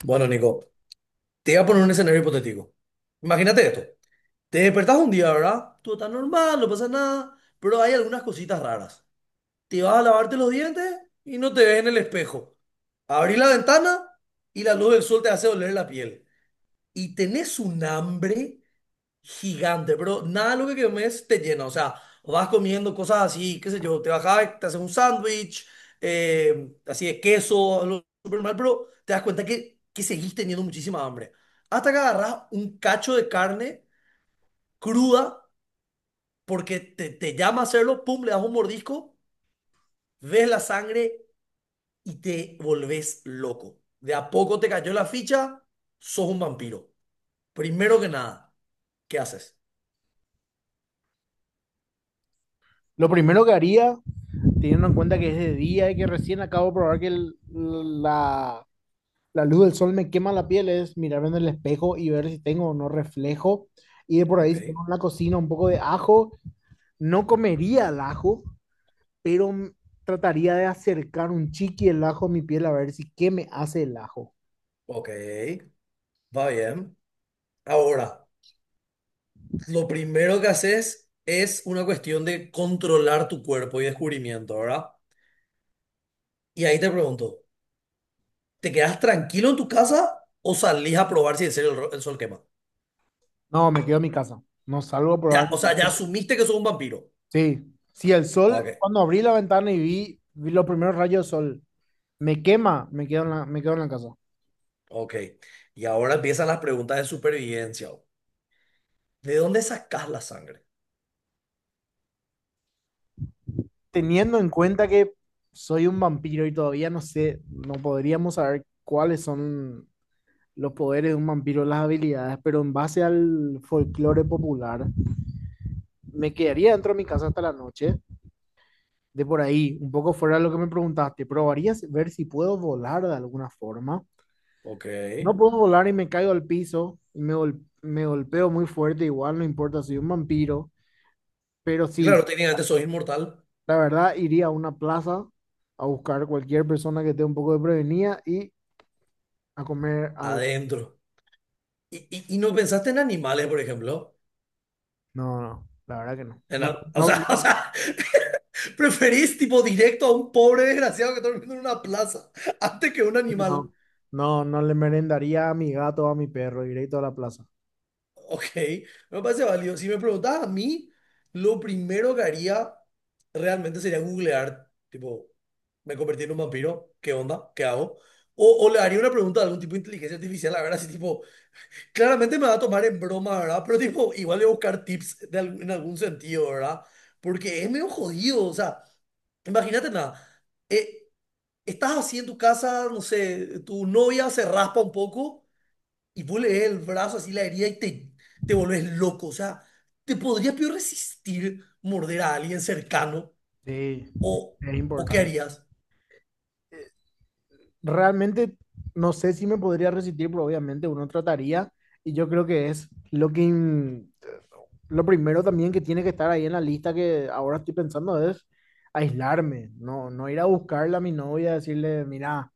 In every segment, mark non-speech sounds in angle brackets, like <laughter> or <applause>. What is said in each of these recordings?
Bueno, Nico, te voy a poner un escenario hipotético. Imagínate esto. Te despertás un día, ¿verdad? Todo está normal, no pasa nada, pero hay algunas cositas raras. Te vas a lavarte los dientes y no te ves en el espejo. Abrís la ventana y la luz del sol te hace doler la piel. Y tenés un hambre gigante, pero nada de lo que comes te llena. O sea, vas comiendo cosas así, qué sé yo, te bajás, te haces un sándwich, así de queso, algo súper mal, pero te das cuenta que seguís teniendo muchísima hambre. Hasta que agarras un cacho de carne cruda, porque te llama a hacerlo, pum, le das un mordisco, ves la sangre y te volvés loco. De a poco te cayó la ficha, sos un vampiro. Primero que nada, ¿qué haces? Lo primero que haría, teniendo en cuenta que es de día y que recién acabo de probar que la, la luz del sol me quema la piel, es mirarme en el espejo y ver si tengo o no reflejo. Y de por Ok, ahí, si tengo en la cocina un poco de ajo, no comería el ajo, pero m- trataría de acercar un chiqui el ajo a mi piel a ver si qué me hace el ajo. ok, va bien. Ahora, lo primero que haces es una cuestión de controlar tu cuerpo y descubrimiento, ¿verdad? Y ahí te pregunto, ¿te quedas tranquilo en tu casa o salís a probar si en serio el sol quema? No, me quedo en mi casa. No salgo a probar. Ya, o sea, ya asumiste que sos un vampiro. Sí, si el sol, Ok, cuando abrí la ventana y vi los primeros rayos de sol, me quema, me quedo en la casa. ok. Y ahora empiezan las preguntas de supervivencia. ¿De dónde sacás la sangre? Teniendo en cuenta que soy un vampiro y todavía no sé, no podríamos saber cuáles son los poderes de un vampiro, las habilidades, pero en base al folclore popular, me quedaría dentro de mi casa hasta la noche, de por ahí, un poco fuera de lo que me preguntaste, probaría ver si puedo volar de alguna forma. Ok. No Y puedo volar y me caigo al piso y me golpeo muy fuerte, igual no importa, soy un vampiro, pero sí, claro, técnicamente sos inmortal la verdad iría a una plaza a buscar cualquier persona que esté un poco de prevenida y a comer algo. adentro. ¿Y no pensaste en animales, por ejemplo? No, no, la verdad que no. En, No, a- o no, sea, <laughs> o no, sea, preferís tipo directo a un pobre desgraciado que está durmiendo en una plaza antes que un animal. no no, no le merendaría a mi gato o a mi perro, directo a la plaza. Ok, me parece válido. Si me preguntas a mí, lo primero que haría realmente sería googlear, tipo, me convertí en un vampiro, ¿qué onda? ¿Qué hago? O le haría una pregunta a algún tipo de inteligencia artificial, la verdad. Así tipo, claramente me va a tomar en broma, ¿verdad? Pero tipo, igual le voy a buscar tips de en algún sentido, ¿verdad? Porque es medio jodido, o sea, imagínate nada. eh, Estás así en tu casa, no sé, tu novia se raspa un poco y vos le ves el brazo así la herida y te volvés loco. O sea, ¿te podrías peor resistir morder a alguien cercano? Sí, ¿O, es ¿O qué importante. harías? Realmente no sé si me podría resistir, pero obviamente uno trataría y yo creo que es lo lo primero también que tiene que estar ahí en la lista que ahora estoy pensando es aislarme, no, no ir a buscarla a mi novia, decirle, mira,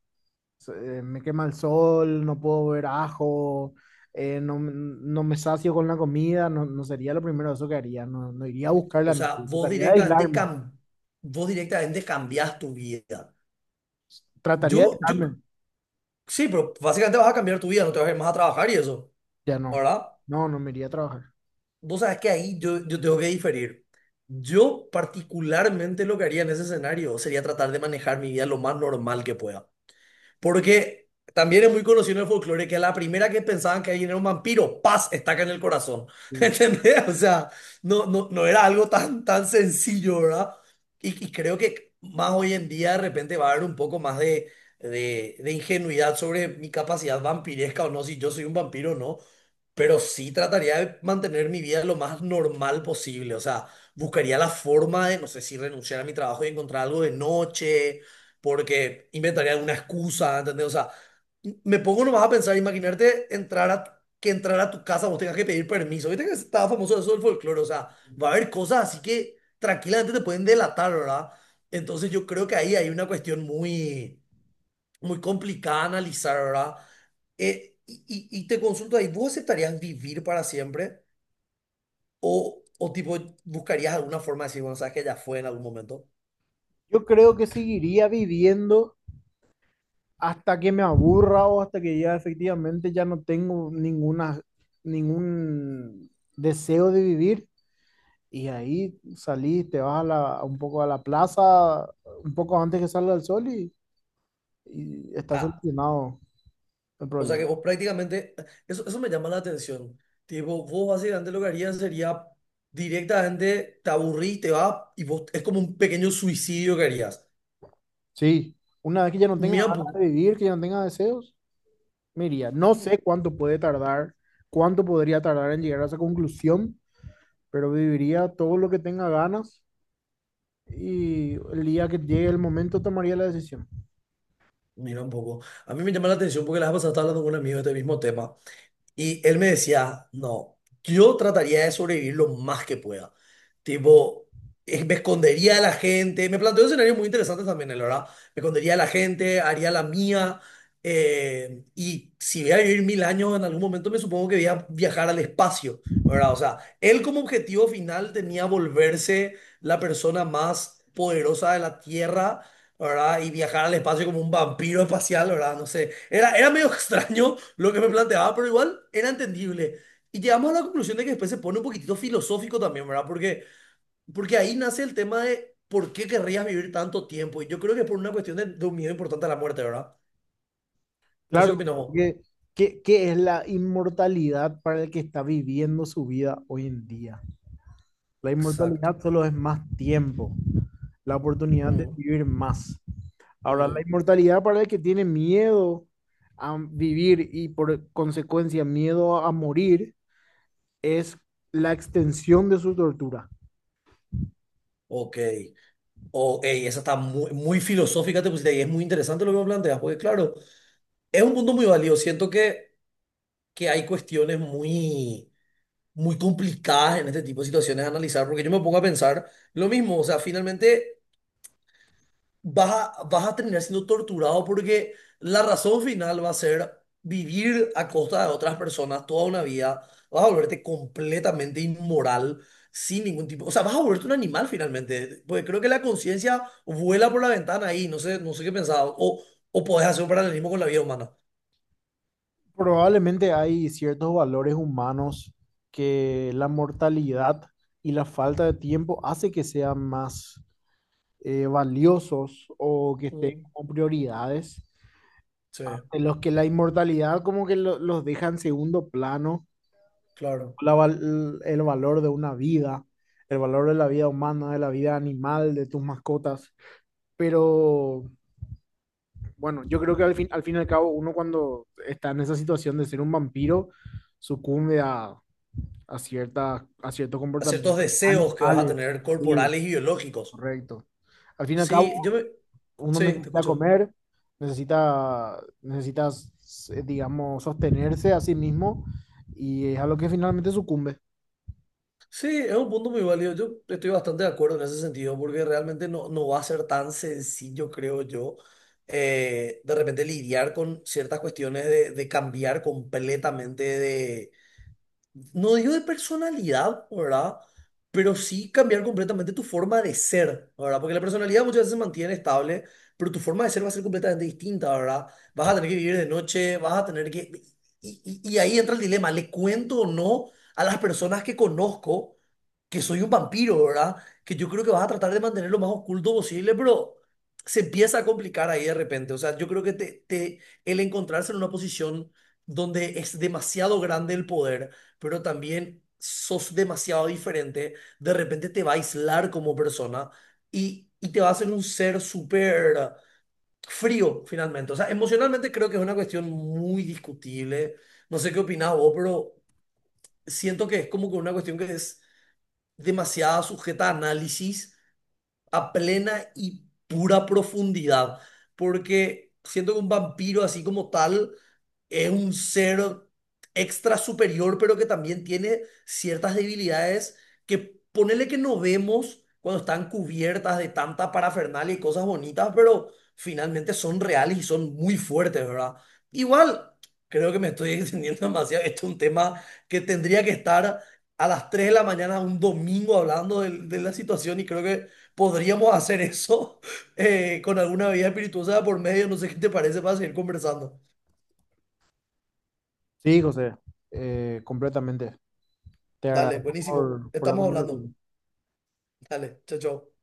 Me quema el sol, no puedo ver ajo, no, no me sacio con la comida, no, no sería lo primero eso que haría, no, no iría a buscarla O a sea, nadie, vos directamente, cam Vos directamente cambiás tu vida. trataría de Yo, yo, aislarme, sí, pero básicamente vas a cambiar tu vida, no te vas a ir más a trabajar y eso, ya no, ¿verdad? no, no me iría a trabajar. Vos sabés que ahí yo tengo que diferir. Yo particularmente lo que haría en ese escenario sería tratar de manejar mi vida lo más normal que pueda. Porque también es muy conocido en el folclore que a la primera que pensaban que alguien era un vampiro, paz, estaca en el corazón. <laughs> Sí. ¿Entendés? O sea, no era algo tan sencillo, ¿verdad? Y creo que más hoy en día de repente va a haber un poco más de ingenuidad sobre mi capacidad vampiresca o no, si yo soy un vampiro o no. Pero sí trataría de mantener mi vida lo más normal posible. O sea, buscaría la forma de, no sé si renunciar a mi trabajo y encontrar algo de noche porque inventaría alguna excusa, ¿entendés? O sea, me pongo nomás a pensar, imaginarte que entrar a tu casa vos tengas que pedir permiso. Viste que estaba famoso eso del folclore, o sea, va a haber cosas así que tranquilamente te pueden delatar, ¿verdad? Entonces yo creo que ahí hay una cuestión muy complicada de analizar, ¿verdad? Y te consulto ahí, ¿vos aceptarías vivir para siempre? O tipo buscarías alguna forma de decir, bueno, sabes que ya fue en algún momento? Yo creo que seguiría viviendo hasta que me aburra o hasta que ya efectivamente ya no tengo ninguna, ningún deseo de vivir. Y ahí salís, te vas a un poco a la plaza, un poco antes que salga el sol y está Ah, solucionado el o sea que problema. vos prácticamente, eso me llama la atención. Tipo, vos básicamente lo que harías sería directamente te aburrís, te vas y vos es como un pequeño suicidio que harías. Sí, una vez que ya no tenga Mira un ganas de poco, vivir, que ya no tenga deseos, me iría. No sé cuánto puede tardar, cuánto podría tardar en llegar a esa conclusión, pero viviría todo lo que tenga ganas y el día que llegue el momento tomaría la decisión. mira un poco. A mí me llama la atención porque la vez pasada estaba hablando con un amigo de este mismo tema. Y él me decía, no, yo trataría de sobrevivir lo más que pueda. Tipo, me escondería de la gente. Me planteó escenarios muy interesantes también, la verdad. Me escondería de la gente, haría la mía. Y si voy a vivir 1000 años, en algún momento me supongo que voy a viajar al espacio, ¿verdad? O sea, él como objetivo final tenía volverse la persona más poderosa de la Tierra, ¿verdad? Y viajar al espacio como un vampiro espacial, ¿verdad? No sé. Era medio <laughs> extraño lo que me planteaba, pero igual era entendible. Y llegamos a la conclusión de que después se pone un poquitito filosófico también, ¿verdad? Porque ahí nace el tema de por qué querrías vivir tanto tiempo. Y yo creo que es por una cuestión de un miedo importante a la muerte, ¿verdad? No sé Claro, qué opinas vos. porque ¿qué, qué es la inmortalidad para el que está viviendo su vida hoy en día? La Exacto. inmortalidad solo es más tiempo, la oportunidad de Mm, vivir más. Ahora, la mm, inmortalidad para el que tiene miedo a vivir y por consecuencia miedo a morir es la extensión de su tortura. ok. Oh, ey, esa está muy filosófica, te pusiste, y es muy interesante lo que me planteas, porque claro, es un punto muy válido. Siento que hay cuestiones muy muy complicadas en este tipo de situaciones analizar, porque yo me pongo a pensar lo mismo, o sea, finalmente vas vas a terminar siendo torturado porque la razón final va a ser vivir a costa de otras personas toda una vida, vas a volverte completamente inmoral, sin ningún tipo, o sea, vas a volverte un animal finalmente, porque creo que la conciencia vuela por la ventana ahí, no sé, no sé qué pensaba, o podés hacer un paralelismo con la vida humana. Probablemente hay ciertos valores humanos que la mortalidad y la falta de tiempo hace que sean más valiosos o que estén Mm, como prioridades. sí, En los que la inmortalidad como que los deja en segundo plano, claro. El valor de una vida, el valor de la vida humana, de la vida animal, de tus mascotas. Pero bueno, yo creo que al fin y al cabo uno cuando está en esa situación de ser un vampiro, sucumbe a cierta, a cierto A ciertos comportamiento. deseos que vas a Animales, tener sí, corporales y biológicos. correcto. Al fin y al cabo Sí, yo me... uno Sí, te necesita escucho. comer, necesita, necesitas, digamos, sostenerse a sí mismo y es a lo que finalmente sucumbe. Sí, es un punto muy válido. Yo estoy bastante de acuerdo en ese sentido, porque realmente no va a ser tan sencillo, creo yo, de repente lidiar con ciertas cuestiones de cambiar completamente de. No digo de personalidad, ¿verdad? Pero sí cambiar completamente tu forma de ser, ¿verdad? Porque la personalidad muchas veces se mantiene estable, pero tu forma de ser va a ser completamente distinta, ¿verdad? Vas a tener que vivir de noche, vas a tener que... Y ahí entra el dilema, ¿le cuento o no a las personas que conozco? Que soy un vampiro, ¿verdad? Que yo creo que vas a tratar de mantener lo más oculto posible, pero se empieza a complicar ahí de repente. O sea, yo creo que el encontrarse en una posición donde es demasiado grande el poder, pero también sos demasiado diferente, de repente te va a aislar como persona y te va a hacer un ser súper frío finalmente. O sea, emocionalmente creo que es una cuestión muy discutible. No sé qué opinás vos, pero siento que es como que una cuestión que es demasiada sujeta a análisis a plena y pura profundidad, porque siento que un vampiro así como tal es un ser extra superior, pero que también tiene ciertas debilidades que ponele que no vemos cuando están cubiertas de tanta parafernalia y cosas bonitas, pero finalmente son reales y son muy fuertes, ¿verdad? Igual, creo que me estoy <laughs> extendiendo demasiado. Esto es un tema que tendría que estar a las 3 de la mañana un domingo hablando de la situación y creo que podríamos hacer eso <laughs> con alguna bebida espirituosa por medio. No sé qué te parece para seguir conversando. Sí, José, completamente. Te Dale, agradezco buenísimo. Por la Estamos hablando. conversación. Dale, chao, chao.